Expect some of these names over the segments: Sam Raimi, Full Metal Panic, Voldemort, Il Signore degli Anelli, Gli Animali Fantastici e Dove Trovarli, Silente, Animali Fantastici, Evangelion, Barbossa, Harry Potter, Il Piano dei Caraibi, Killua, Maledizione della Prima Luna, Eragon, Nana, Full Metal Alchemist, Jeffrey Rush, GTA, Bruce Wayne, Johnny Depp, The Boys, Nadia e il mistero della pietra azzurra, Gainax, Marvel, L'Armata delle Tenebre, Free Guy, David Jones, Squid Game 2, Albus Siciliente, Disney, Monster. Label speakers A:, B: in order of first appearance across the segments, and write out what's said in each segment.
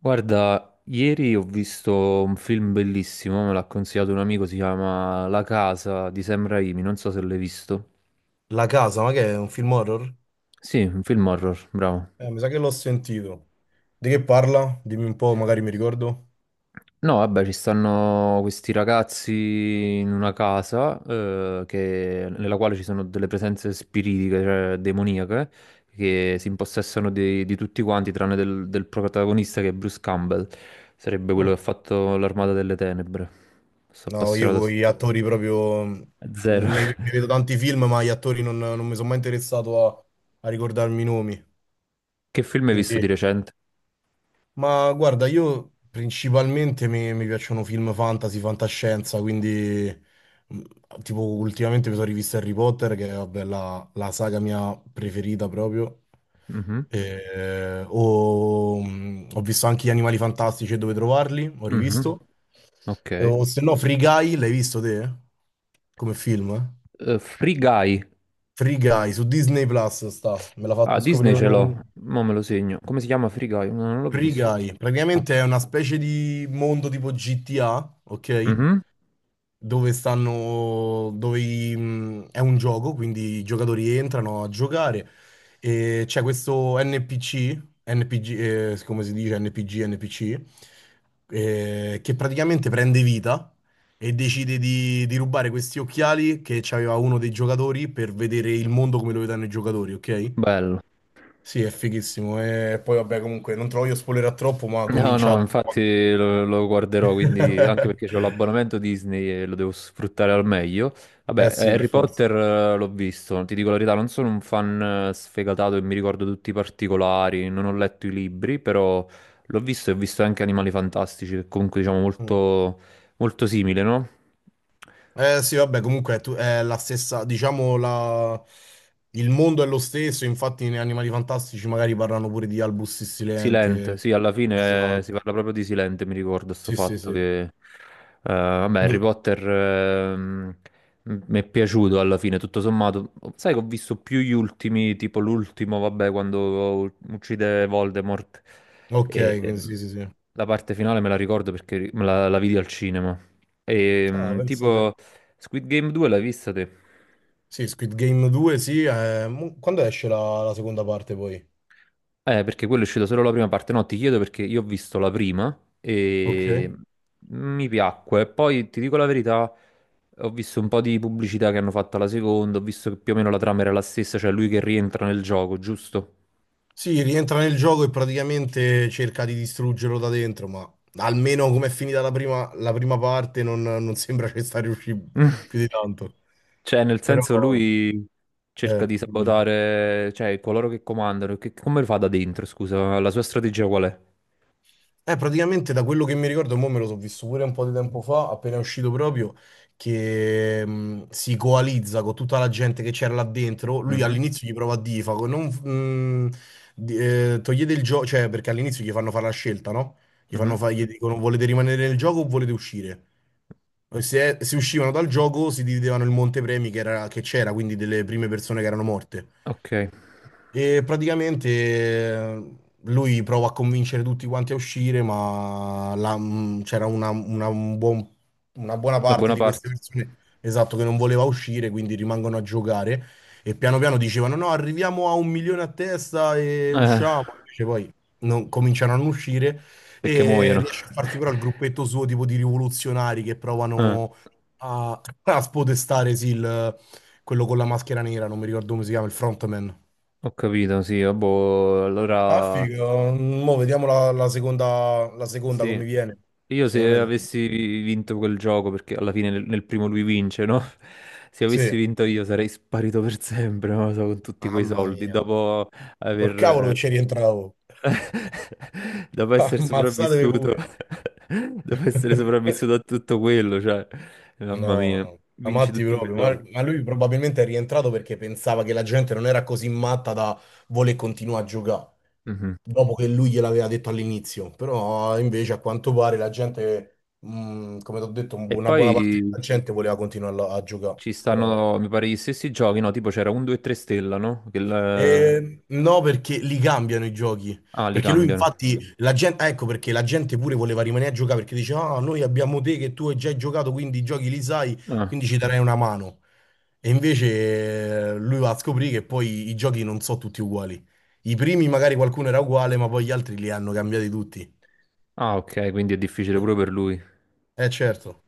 A: Guarda, ieri ho visto un film bellissimo, me l'ha consigliato un amico, si chiama La casa di Sam Raimi, non so se l'hai visto.
B: La casa, ma che è un film horror?
A: Sì, un film horror, bravo.
B: Mi sa che l'ho sentito. Di che parla? Dimmi un po', magari mi ricordo.
A: No, vabbè, ci stanno questi ragazzi in una casa nella quale ci sono delle presenze spiritiche, cioè demoniache, che si impossessano di tutti quanti, tranne del protagonista che è Bruce Campbell, sarebbe quello che
B: Mm.
A: ha fatto l'Armata delle Tenebre. Sto
B: No, io
A: appassionato a
B: con
A: s-
B: gli attori proprio.
A: A
B: Mi,
A: zero.
B: mi vedo tanti film, ma gli attori non mi sono mai interessato a ricordarmi i nomi.
A: Che film hai visto
B: Quindi.
A: di recente?
B: Ma guarda, io principalmente mi piacciono film fantasy, fantascienza, quindi tipo ultimamente mi sono rivisto Harry Potter, che è vabbè, la saga mia preferita proprio.
A: Mhm,
B: O, ho visto anche Gli Animali Fantastici e Dove Trovarli, ho
A: mhm.
B: rivisto.
A: Ok.
B: O se no Free Guy, l'hai visto te? Come film? Eh?
A: Free Guy.
B: Free Guy, su Disney Plus sta, me l'ha
A: Ah,
B: fatto
A: Disney
B: scoprire
A: ce l'ho.
B: un.
A: Mo me lo segno. Come si chiama Free Guy? No, non l'ho
B: Free
A: visto.
B: Guy,
A: Ah,
B: praticamente è una specie di mondo tipo GTA, ok?
A: mhm,
B: Dove stanno, è un gioco, quindi i giocatori entrano a giocare e c'è questo NPC, NPG, come si dice NPG, NPC, che praticamente prende vita e decide di rubare questi occhiali che aveva uno dei giocatori per vedere il mondo come lo vedono i giocatori, ok?
A: bello.
B: Sì, è fighissimo. E poi, vabbè, comunque, non te lo voglio spoilerare troppo, ma
A: No,
B: comincia
A: no,
B: tutto quanto.
A: infatti lo guarderò, quindi anche perché ho l'abbonamento Disney e lo devo sfruttare al meglio.
B: Eh
A: Vabbè,
B: sì, per
A: Harry
B: forza.
A: Potter l'ho visto, ti dico la verità, non sono un fan sfegatato e mi ricordo tutti i particolari, non ho letto i libri, però l'ho visto e ho visto anche Animali Fantastici, che comunque diciamo
B: Mm.
A: molto, molto simile, no?
B: Eh sì, vabbè, comunque è, è la stessa, diciamo, la. Il mondo è lo stesso, infatti nei Animali Fantastici magari parlano pure di Albus
A: Silente,
B: Siciliente.
A: sì, alla fine
B: Esatto.
A: si parla proprio di Silente, mi ricordo sto
B: Sì, sì,
A: fatto
B: sì.
A: che, vabbè, Harry
B: Dov-
A: Potter, mi è piaciuto alla fine, tutto sommato. Sai che ho visto più gli ultimi, tipo l'ultimo, vabbè, quando uccide Voldemort,
B: Ok,
A: e
B: quindi sì, sì, sì.
A: la parte finale me la ricordo perché la vidi al cinema. E,
B: Ah,
A: ehm,
B: pensate.
A: tipo, Squid Game 2 l'hai vista te?
B: Sì, Squid Game 2, sì. Quando esce la seconda parte poi?
A: Perché quello è uscito solo la prima parte. No, ti chiedo perché io ho visto la prima e
B: Ok.
A: mi piacque. Poi ti dico la verità, ho visto un po' di pubblicità che hanno fatto alla seconda, ho visto che più o meno la trama era la stessa, cioè lui che rientra nel gioco, giusto?
B: Sì, rientra nel gioco e praticamente cerca di distruggerlo da dentro, ma almeno come è finita la prima parte non sembra che sta riuscendo più di
A: Mm.
B: tanto.
A: Cioè, nel
B: Però,
A: senso lui cerca di
B: dimmi.
A: sabotare, cioè, coloro che comandano. Che, come lo fa da dentro, scusa? La sua strategia qual è?
B: Praticamente da quello che mi ricordo, mo me lo so visto pure un po' di tempo fa, appena è uscito proprio, che si coalizza con tutta la gente che c'era là dentro. Lui
A: Mhm,
B: all'inizio gli prova a dire, fa, non, togliete il gioco, cioè perché all'inizio gli fanno fare la scelta, no?
A: mhm.
B: Gli dicono volete rimanere nel gioco o volete uscire? E se uscivano dal gioco si dividevano il montepremi che c'era, quindi delle prime persone che erano morte.
A: Ok,
B: E praticamente lui prova a convincere tutti quanti a uscire, ma c'era una buona
A: da
B: parte
A: buona
B: di queste
A: parte.
B: persone, esatto, che non voleva uscire, quindi rimangono a giocare e piano piano dicevano no, arriviamo a un milione a testa e
A: Eh,
B: usciamo, invece poi cominciano a non uscire
A: perché
B: e
A: muoiono.
B: riesce a farsi però il gruppetto suo tipo di rivoluzionari che
A: Eh.
B: provano a, a spodestare sì, quello con la maschera nera, non mi ricordo come si chiama, il frontman.
A: Ho capito, sì, ah, boh,
B: Ah,
A: allora
B: figo. Mo' vediamo la seconda
A: sì,
B: come viene.
A: io se
B: Secondo me.
A: avessi vinto quel gioco, perché alla fine nel, nel primo lui vince, no? Se avessi
B: Sì.
A: vinto io sarei sparito per sempre, non lo so, con tutti quei
B: Mamma
A: soldi,
B: mia.
A: aver...
B: Col cavolo
A: eh,
B: che ci rientravo.
A: dopo essere
B: Ammazzatevi
A: sopravvissuto,
B: pure.
A: dopo essere sopravvissuto a tutto quello, cioè, mamma
B: No,
A: mia,
B: no.
A: vinci
B: Amatti
A: tutti quei
B: proprio. Ma,
A: soldi.
B: ma lui probabilmente è rientrato perché pensava che la gente non era così matta da voler continuare a giocare.
A: Mhm.
B: Dopo che lui gliel'aveva detto all'inizio. Però invece a quanto pare la gente, come ti ho detto,
A: E
B: una
A: poi
B: buona parte della gente voleva continuare a giocare.
A: ci
B: Però.
A: stanno, mi pare, gli stessi giochi, no? Tipo c'era un 2 e 3 stella, no? Che il-
B: No, perché li cambiano i giochi.
A: Ah, li
B: Perché lui,
A: cambiano.
B: infatti, la gente, ecco perché la gente pure voleva rimanere a giocare perché dice: Ah, noi abbiamo te che tu hai già giocato, quindi i giochi li sai,
A: Ah,
B: quindi ci darei una mano. E invece lui va a scoprire che poi i giochi non sono tutti uguali. I primi magari qualcuno era uguale, ma poi gli altri li hanno cambiati tutti.
A: ah, ok, quindi è difficile pure per lui.
B: Certo.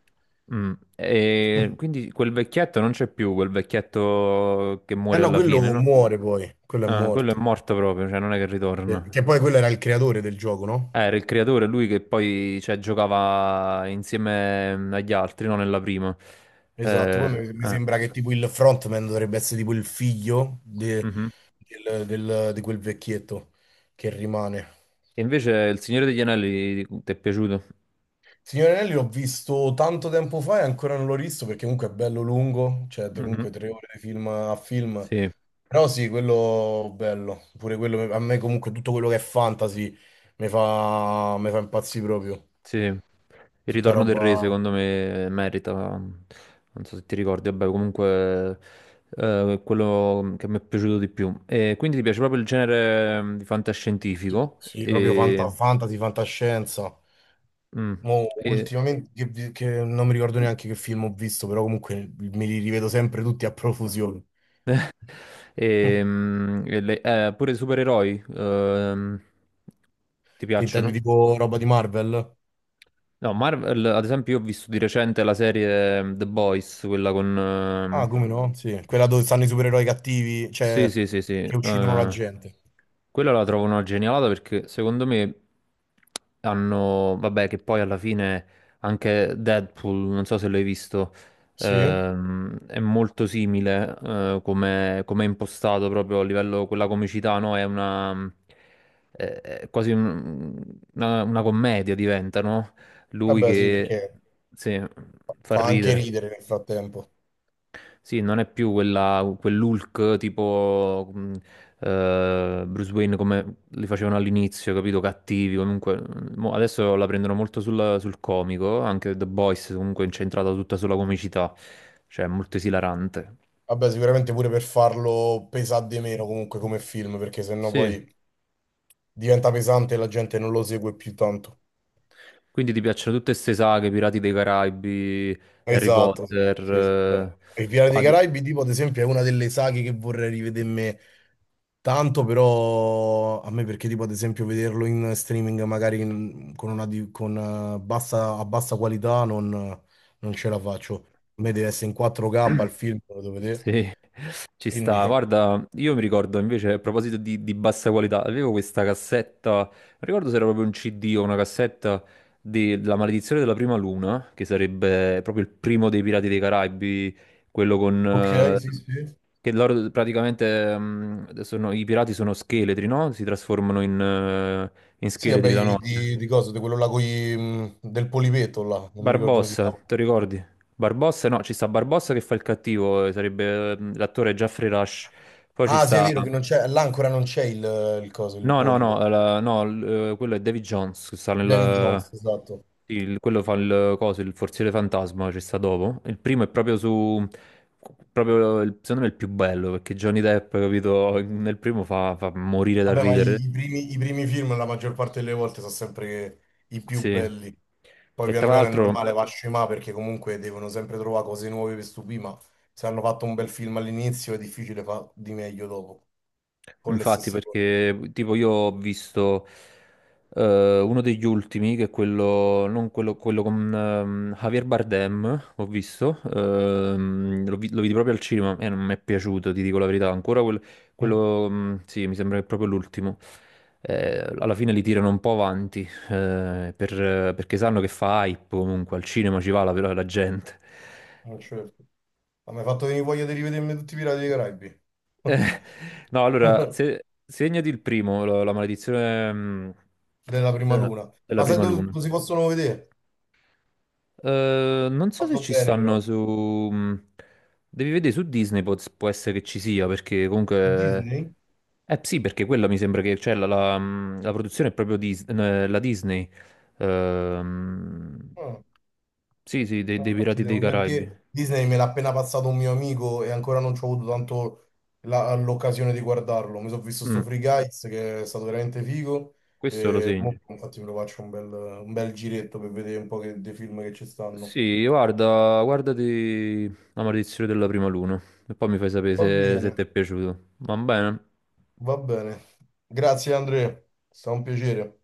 A: Mm. E quindi quel vecchietto non c'è più, quel vecchietto che
B: Eh
A: muore
B: no,
A: alla
B: quello
A: fine, no?
B: muore poi, quello è
A: Ah, quello è
B: morto.
A: morto proprio, cioè non è che ritorna.
B: Che poi quello era il creatore del gioco, no?
A: Era il creatore, lui che poi cioè, giocava insieme agli altri, no? Nella prima.
B: Esatto,
A: Eh,
B: poi mi
A: eh,
B: sembra che tipo il frontman dovrebbe essere tipo il figlio
A: mhm.
B: di quel vecchietto che rimane.
A: E invece Il Signore degli Anelli ti è piaciuto?
B: Signore Anelli l'ho visto tanto tempo fa e ancora non l'ho rivisto perché comunque è bello lungo, cioè
A: Mhm.
B: comunque 3 ore di film a film.
A: Sì.
B: Però sì, quello bello, pure quello, a me comunque tutto quello che è fantasy mi fa impazzire proprio.
A: Sì, il
B: Tutta
A: ritorno del re
B: roba,
A: secondo me merita, non so se ti ricordi, vabbè comunque è quello che mi è piaciuto di più. E quindi ti piace proprio il genere di
B: sì,
A: fantascientifico
B: sì, proprio fantasy, fantascienza.
A: mm,
B: Mo
A: e-
B: ultimamente che non mi ricordo neanche che film ho visto, però comunque me li rivedo sempre tutti a profusione.
A: pure i supereroi ti
B: Che intendi
A: piacciono?
B: tipo roba di Marvel?
A: No, Marvel, ad esempio, io ho visto di recente la serie The Boys,
B: Ah, come no? Sì, quella dove stanno i supereroi cattivi,
A: sì,
B: cioè
A: sì, sì, sì.
B: che uccidono la gente.
A: Quella la trovo una genialata perché secondo me hanno, vabbè, che poi alla fine anche Deadpool, non so se l'hai visto,
B: Sì?
A: è molto simile come come è impostato proprio a livello, quella comicità, no? È una, è quasi un- una commedia diventa, no? Lui
B: Vabbè, sì,
A: che,
B: perché
A: sì, fa
B: fa anche
A: ridere.
B: ridere nel frattempo.
A: Sì, non è più quella, quell'Hulk tipo Bruce Wayne come li facevano all'inizio, capito? Cattivi, comunque. Mo adesso la prendono molto sul comico, anche The Boys comunque è incentrata tutta sulla comicità, cioè è molto esilarante.
B: Vabbè, sicuramente pure per farlo pesare di meno comunque come film, perché sennò
A: Sì.
B: poi diventa pesante e la gente non lo segue più tanto.
A: Quindi ti piacciono tutte queste saghe, Pirati dei Caraibi, Harry
B: Esatto, sì,
A: Potter,
B: sì, sì, bello. Il Piano
A: o
B: dei
A: ad-
B: Caraibi, tipo, ad esempio, è una delle saghe che vorrei rivedermi tanto, però a me perché, tipo, ad esempio, vederlo in streaming magari con con, a bassa qualità non ce la faccio. A me deve essere in 4K il film, lo devo vedere.
A: sì, ci sta.
B: Quindi,
A: Guarda, io mi ricordo invece, a proposito di bassa qualità, avevo questa cassetta, non ricordo se era proprio un CD o una cassetta della Maledizione della Prima Luna, che sarebbe proprio il primo dei Pirati dei Caraibi, quello con...
B: ok,
A: eh,
B: sì, sì.
A: che loro i pirati sono scheletri, no? Si trasformano in, in
B: Sì, vabbè,
A: scheletri la notte.
B: di cosa? Di quello là con del polipetto là, non mi ricordo come si
A: Barbossa,
B: chiama.
A: ti ricordi? Barbossa, no, ci sta Barbossa che fa il cattivo, sarebbe l'attore Jeffrey Rush. Poi ci
B: Ah, sì, è
A: sta...
B: vero che non c'è, là ancora non c'è il coso, il
A: No, no, no,
B: polipo.
A: la- no, l- quello è David Jones, che sta
B: David
A: nel...
B: Jones, esatto.
A: quello fa il coso, il forziere fantasma, ci sta dopo. Il primo è proprio su... proprio, secondo me, il più bello, perché Johnny Depp, capito, nel primo fa morire dal
B: Vabbè, ma
A: ridere.
B: i primi film la maggior parte delle volte sono sempre i più
A: Sì.
B: belli. Poi
A: E tra
B: piano piano è
A: l'altro...
B: normale, va a scemà perché comunque devono sempre trovare cose nuove per stupire, ma se hanno fatto un bel film all'inizio è difficile fare di meglio dopo, con le
A: Infatti,
B: stesse cose.
A: perché tipo io ho visto uno degli ultimi, che è quello, non quello, quello con Javier Bardem, ho visto, lo vidi proprio al cinema e non mi è piaciuto, ti dico la verità,
B: Mm,
A: quello, sì, mi sembra che è proprio l'ultimo. Alla fine li tirano un po' avanti, perché sanno che fa hype comunque, al cinema ci va la gente.
B: certo. Ma mi hai fatto venire voglia di rivedermi tutti i Pirati dei Caraibi.
A: Eh, no, allora, se, segnati il primo, la maledizione
B: Della prima
A: eh,
B: luna.
A: della
B: Ma sai
A: prima
B: dove,
A: luna.
B: dove si possono vedere?
A: Non so se
B: Fatto
A: ci
B: bene
A: stanno
B: però.
A: su... mm, devi vedere su Disney, può, può essere che ci sia, perché
B: Su
A: comunque...
B: Disney?
A: Sì, perché quella mi sembra che... Cioè, la produzione è proprio la Disney. Ehm,
B: Ah.
A: sì, sì, dei,
B: No,
A: dei
B: infatti,
A: Pirati dei Caraibi.
B: Perché Disney me l'ha appena passato un mio amico e ancora non ci ho avuto tanto l'occasione di guardarlo. Mi sono visto
A: Mm,
B: sto Free Guys che è stato veramente figo
A: questo lo
B: e mo
A: segno.
B: infatti me lo faccio un bel giretto per vedere un po' dei film che ci stanno.
A: Sì, guarda, guardati La maledizione della prima luna e poi mi fai sapere
B: Va
A: se, se
B: bene,
A: ti è piaciuto. Va bene?
B: va bene. Grazie Andrea, è stato un piacere.